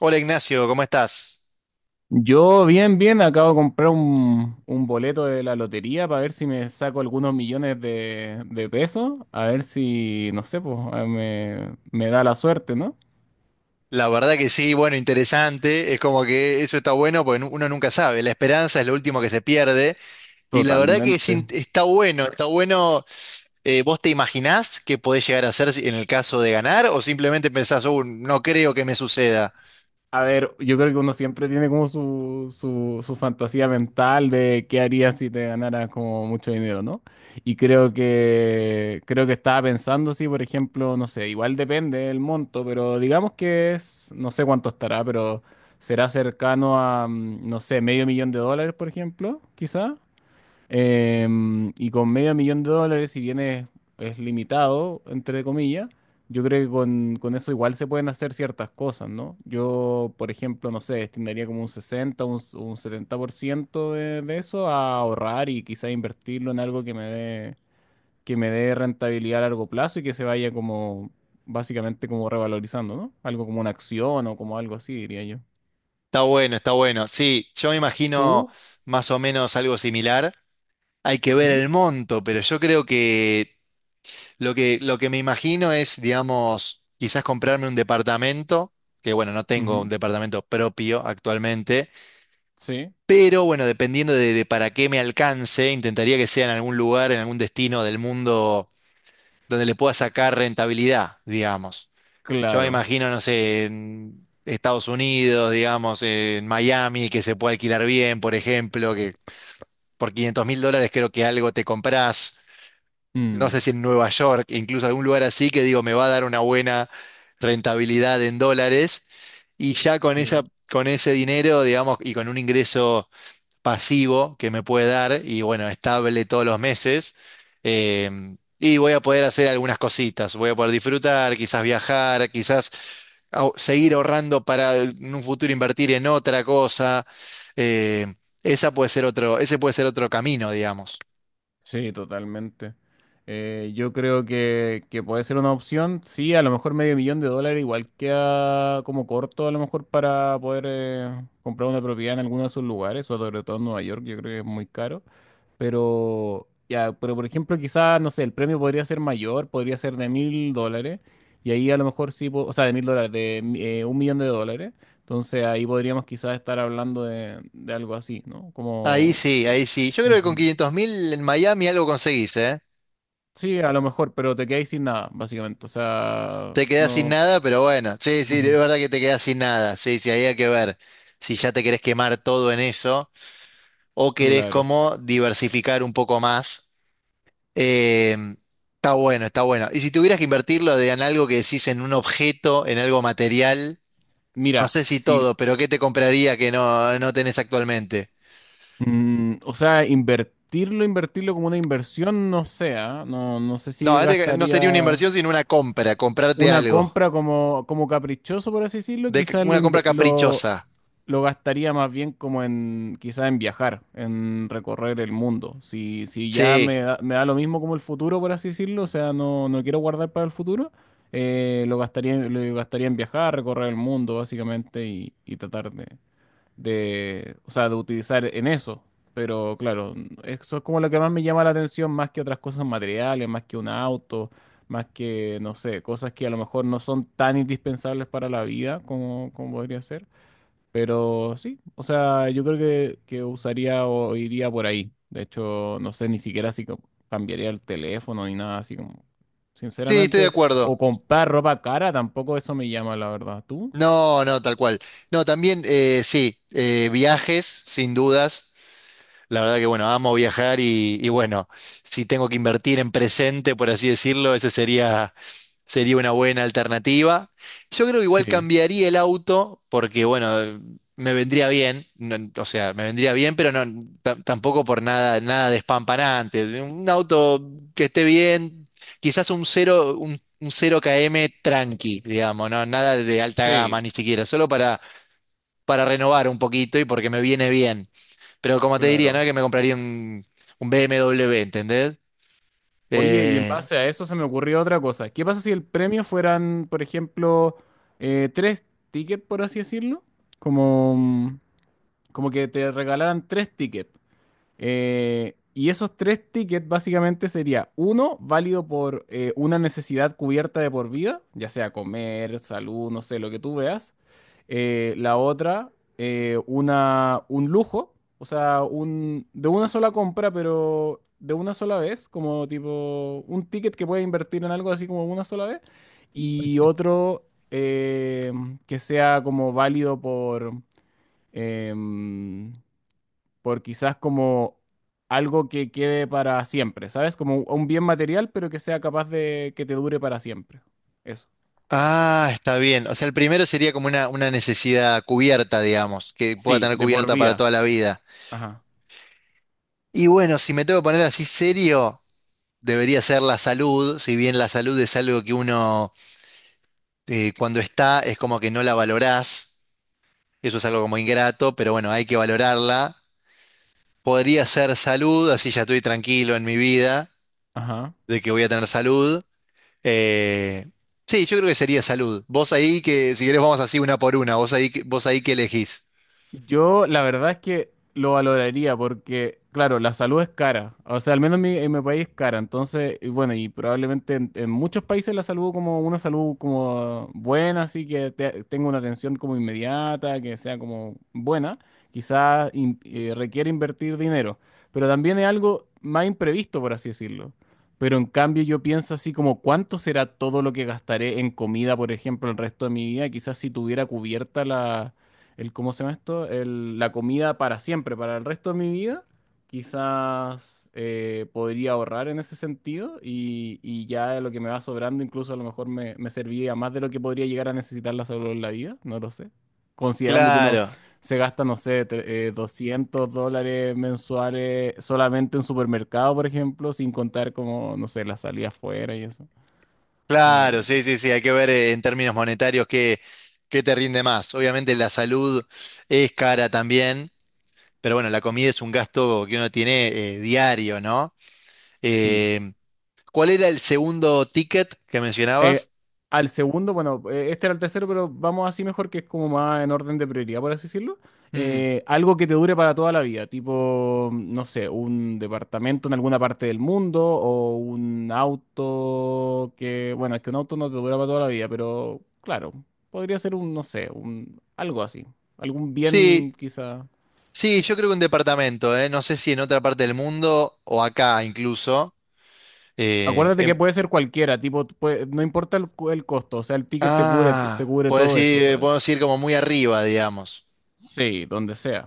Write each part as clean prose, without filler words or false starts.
Hola Ignacio, ¿cómo estás? Yo bien, bien, acabo de comprar un boleto de la lotería para ver si me saco algunos millones de pesos, a ver si, no sé, pues me da la suerte, ¿no? La verdad que sí, bueno, interesante. Es como que eso está bueno porque uno nunca sabe. La esperanza es lo último que se pierde. Y la verdad que Totalmente. Está bueno, está bueno. ¿Vos te imaginás qué podés llegar a hacer en el caso de ganar? ¿O simplemente pensás, no creo que me suceda"? A ver, yo creo que uno siempre tiene como su fantasía mental de qué haría si te ganaras como mucho dinero, ¿no? Y creo que estaba pensando si, por ejemplo, no sé, igual depende del monto, pero digamos que es, no sé cuánto estará, pero será cercano a, no sé, medio millón de dólares, por ejemplo, quizá. Y con medio millón de dólares, si bien es limitado, entre comillas, yo creo que con eso igual se pueden hacer ciertas cosas, ¿no? Yo, por ejemplo, no sé, destinaría como un 70% de eso a ahorrar y quizá invertirlo en algo que me dé rentabilidad a largo plazo y que se vaya como, básicamente como revalorizando, ¿no? Algo como una acción o como algo así, diría yo. Está bueno, está bueno. Sí, yo me imagino Tú. más o menos algo similar. Hay que ver Ujú, el monto, pero yo creo que lo que me imagino es, digamos, quizás comprarme un departamento, que bueno, no tengo un ujú. departamento propio actualmente, Sí, pero bueno, dependiendo de para qué me alcance, intentaría que sea en algún lugar, en algún destino del mundo donde le pueda sacar rentabilidad, digamos. Yo me claro. imagino, no sé, en Estados Unidos, digamos, en Miami, que se puede alquilar bien, por ejemplo, que por 500 mil dólares creo que algo te comprás. No sé Mm. si en Nueva York, incluso algún lugar así que digo, me va a dar una buena rentabilidad en dólares. Y ya con Sí. esa, con ese dinero, digamos, y con un ingreso pasivo que me puede dar, y bueno, estable todos los meses, y voy a poder hacer algunas cositas, voy a poder disfrutar, quizás viajar, quizás seguir ahorrando para en un futuro invertir en otra cosa. em, Esa puede ser ese puede ser otro camino, digamos. Sí, totalmente. Yo creo que puede ser una opción. Sí, a lo mejor medio millón de dólares igual queda como corto a lo mejor para poder comprar una propiedad en alguno de esos lugares, sobre todo en Nueva York, yo creo que es muy caro. Pero, ya, por ejemplo, quizás, no sé, el premio podría ser mayor, podría ser de mil dólares. Y ahí a lo mejor sí, po- o sea, de mil dólares, de un millón de dólares. Entonces ahí podríamos quizás estar hablando de algo así, ¿no? Ahí Como... sí, ahí sí. Yo creo que con Ujú. 500,000 en Miami algo conseguís, ¿eh? Sí, a lo mejor, pero te quedáis sin nada, básicamente. O sea, Te quedás sin no. nada, pero bueno, sí, sí, es Ujú, verdad que te quedás sin nada. Sí, sí, ahí hay que ver si ya te querés quemar todo en eso o querés claro. como diversificar un poco más. Eh, está bueno, está bueno. Y si tuvieras que invertirlo en algo que decís en un objeto, en algo material, no Mira, sé si si. todo, pero ¿qué te compraría que no tenés actualmente? O sea, invertirlo como una inversión, no sé, ¿ah? No, no sé No, si este no sería una gastaría inversión, sino una compra, comprarte una algo. compra como caprichoso, por así decirlo. De, Quizás lo, una compra inve- caprichosa. lo gastaría más bien como en quizá en viajar, en recorrer el mundo. Si ya Sí. me da lo mismo como el futuro, por así decirlo, o sea, no, no quiero guardar para el futuro, lo gastaría en viajar, recorrer el mundo, básicamente, y tratar de, o sea, de utilizar en eso. Pero claro, eso es como lo que más me llama la atención, más que otras cosas materiales, más que un auto, más que, no sé, cosas que a lo mejor no son tan indispensables para la vida como podría ser. Pero sí, o sea, yo creo que usaría o iría por ahí. De hecho, no sé ni siquiera si cambiaría el teléfono ni nada así como, Sí, estoy de sinceramente, acuerdo. o comprar ropa cara, tampoco eso me llama, la verdad. ¿Tú? No, no, tal cual. No, también, sí, viajes, sin dudas. La verdad que bueno, amo viajar y bueno, si tengo que invertir en presente, por así decirlo, esa sería, sería una buena alternativa. Yo creo que igual Sí, cambiaría el auto porque bueno, me vendría bien, o sea, me vendría bien, pero no tampoco por nada, nada despampanante. Un auto que esté bien, quizás un 0 km tranqui, digamos, no, nada de alta gama sí, ni siquiera, solo para renovar un poquito y porque me viene bien. Pero como te diría, no es claro. que me compraría un BMW, ¿entendés? Oye, y en Eh, base a eso se me ocurrió otra cosa. ¿Qué pasa si el premio fueran, por ejemplo, tres tickets, por así decirlo? Como, como que te regalaran tres tickets. Y esos tres tickets básicamente sería uno válido por una necesidad cubierta de por vida, ya sea comer, salud, no sé, lo que tú veas. La otra, un lujo, o sea, de una sola compra, pero de una sola vez, como tipo un ticket que puedes invertir en algo así como una sola vez. Y otro eh, que sea como válido por... em, por quizás como algo que quede para siempre, ¿sabes? Como un bien material, pero que sea capaz de que te dure para siempre. Eso. ah, está bien. O sea, el primero sería como una necesidad cubierta, digamos, que pueda Sí, tener de por cubierta para vida. toda la vida. Ajá, Y bueno, si me tengo que poner así serio, debería ser la salud, si bien la salud es algo que uno cuando está es como que no la valorás. Eso es algo como ingrato, pero bueno, hay que valorarla. Podría ser salud, así ya estoy tranquilo en mi vida ajá. de que voy a tener salud. Eh, sí, yo creo que sería salud. Vos ahí que, si querés, vamos así una por una. Vos ahí, vos ahí que elegís. Yo la verdad es que lo valoraría porque, claro, la salud es cara. O sea, al menos en mi país es cara. Entonces, y bueno, y probablemente en muchos países la salud como una salud como buena, así que tenga una atención como inmediata, que sea como buena, quizás requiere invertir dinero. Pero también es algo más imprevisto, por así decirlo. Pero en cambio yo pienso así como cuánto será todo lo que gastaré en comida, por ejemplo, el resto de mi vida. Quizás si tuviera cubierta la ¿cómo se llama esto? La comida para siempre, para el resto de mi vida, quizás podría ahorrar en ese sentido y ya lo que me va sobrando incluso a lo mejor me serviría más de lo que podría llegar a necesitar la salud en la vida, no lo sé. Considerando que uno Claro, se gasta, no sé, $200 mensuales solamente en supermercado, por ejemplo, sin contar como, no sé, la salida afuera y eso. claro, Como, sí, sí, sí. Hay que ver en términos monetarios qué, qué te rinde más. Obviamente la salud es cara también, pero bueno, la comida es un gasto que uno tiene diario, ¿no? sí. Eh, ¿Cuál era el segundo ticket que Eh, mencionabas? Al segundo, bueno, este era el tercero, pero vamos así mejor, que es como más en orden de prioridad, por así decirlo. Mm. Algo que te dure para toda la vida, tipo, no sé, un departamento en alguna parte del mundo o un auto que, bueno, es que un auto no te dura para toda la vida, pero claro, podría ser un, no sé, algo así, algún bien Sí, quizá. sí, yo creo que un departamento, ¿eh? No sé si en otra parte del mundo o acá incluso. Eh, Acuérdate que em- puede ser cualquiera, tipo, no importa el costo, o sea, el ticket te cubre, te Ah, cubre puedes todo eso, ir, ¿sabes? podemos ir como muy arriba, digamos. Sí, donde sea.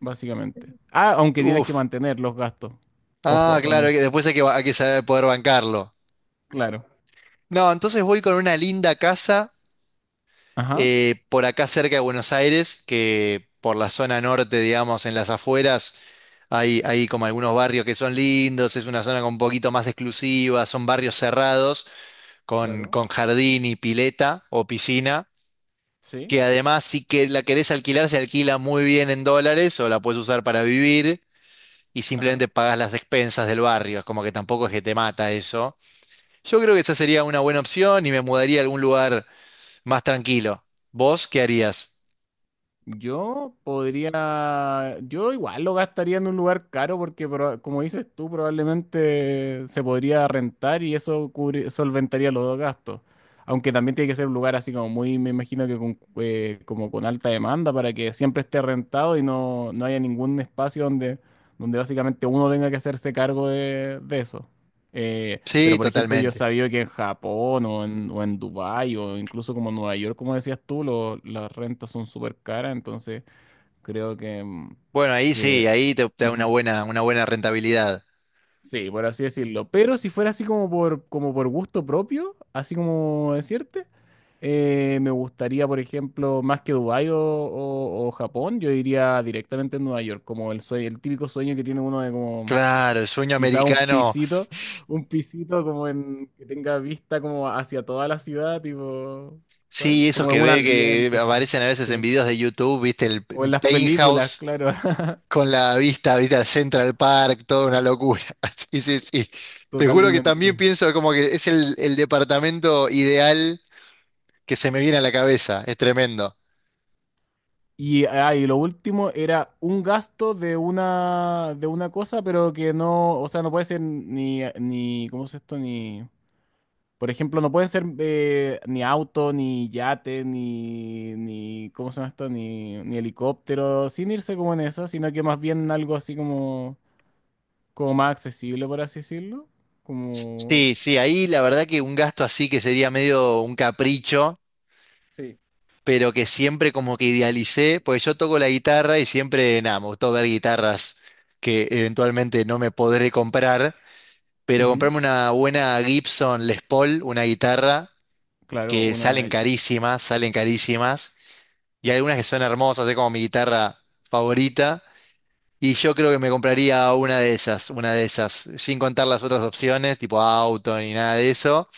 Básicamente. Ah, aunque tienes que Uf. mantener los gastos. Ah, Ojo con claro, que eso. después hay que, hay que saber poder bancarlo. Claro. No, entonces voy con una linda casa Ajá. Por acá cerca de Buenos Aires, que por la zona norte, digamos, en las afueras, hay como algunos barrios que son lindos, es una zona con un poquito más exclusiva, son barrios cerrados, Claro. con jardín y pileta o piscina, Sí. que además si que la querés alquilar, se alquila muy bien en dólares o la puedes usar para vivir. Y Ajá. simplemente pagas las expensas del barrio. Es como que tampoco es que te mata eso. Yo creo que esa sería una buena opción y me mudaría a algún lugar más tranquilo. ¿Vos qué harías? Yo podría, yo igual lo gastaría en un lugar caro porque como dices tú, probablemente se podría rentar y eso solventaría los dos gastos. Aunque también tiene que ser un lugar así como muy, me imagino que como con alta demanda para que siempre esté rentado y no, no haya ningún espacio donde, donde básicamente uno tenga que hacerse cargo de eso. Pero Sí, por ejemplo, yo totalmente. sabía que en Japón o o en Dubái o incluso como en Nueva York, como decías tú, las rentas son súper caras, entonces creo que, Bueno, ahí sí, que ahí te, te da ujú, una buena rentabilidad. sí, por así decirlo. Pero si fuera así como por, como por gusto propio, así como decirte, me gustaría, por ejemplo, más que Dubái o, o Japón, yo iría directamente a Nueva York, como el típico sueño que tiene uno de como Claro, el sueño quizá americano, un pisito como en que tenga vista como hacia toda la ciudad, tipo, ¿sabes? sí, esos Como en que un ve ambiente que así. aparecen a veces en Sí. videos de YouTube, viste, O un en las películas, penthouse claro. con la vista, viste, al Central Park, toda una locura. Sí, sí, sí. Te juro que Totalmente. también pienso como que es el departamento ideal que se me viene a la cabeza, es tremendo. Y lo último era un gasto de una cosa, pero que no, o sea, no puede ser ni ¿cómo es esto? Ni Por ejemplo, no pueden ser ni auto, ni yate, ni, ni, ¿cómo se llama esto? Ni helicóptero, sin irse como en eso, sino que más bien algo así como más accesible, por así decirlo. Como. Sí, sí, ahí la verdad que un gasto así que sería medio un capricho, Sí. pero que siempre como que idealicé, pues yo toco la guitarra y siempre, nada, me gustó ver guitarras que eventualmente no me podré comprar, pero Ujú. comprarme una buena Gibson Les Paul, una guitarra Claro, que una. Salen carísimas, y algunas que son hermosas, es como mi guitarra favorita. Y yo creo que me compraría una de esas, sin contar las otras opciones, tipo auto ni nada de eso.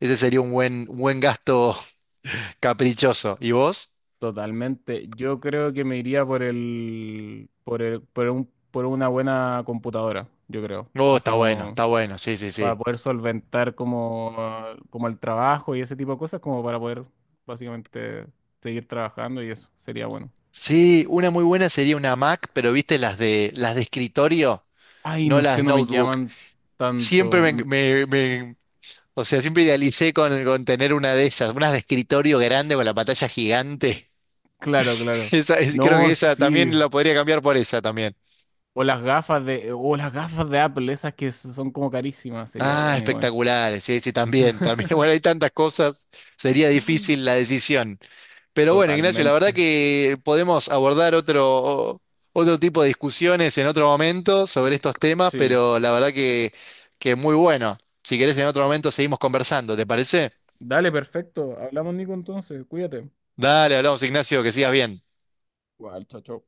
Ese sería un buen gasto caprichoso. ¿Y vos? Totalmente. Yo creo que me iría por el, por el, por un, por una buena computadora, yo creo. Oh, Así como está bueno, sí, sí, para sí. poder solventar como el trabajo y ese tipo de cosas, como para poder básicamente seguir trabajando y eso sería bueno. Sí, una muy buena sería una Mac, pero viste las de escritorio, Ay, no no sé, las no me notebook. llaman Siempre tanto. Mm. O sea, siempre idealicé con tener una de esas, unas de escritorio grande con la pantalla gigante. Claro, claro. Esa, creo que No, esa sí. también la podría cambiar por esa también. O las gafas de Apple, esas que son como carísimas, sería Ah, bueno igual. espectaculares, sí, sí, también, también. Bueno, hay tantas cosas, sería difícil la decisión. Pero bueno, Ignacio, la verdad Totalmente. que podemos abordar otro, otro tipo de discusiones en otro momento sobre estos temas, Sí. pero la verdad que muy bueno. Si querés, en otro momento seguimos conversando, ¿te parece? Dale, perfecto. Hablamos, Nico, entonces. Cuídate. Dale, hablamos, Ignacio, que sigas bien. Igual, chao, chao.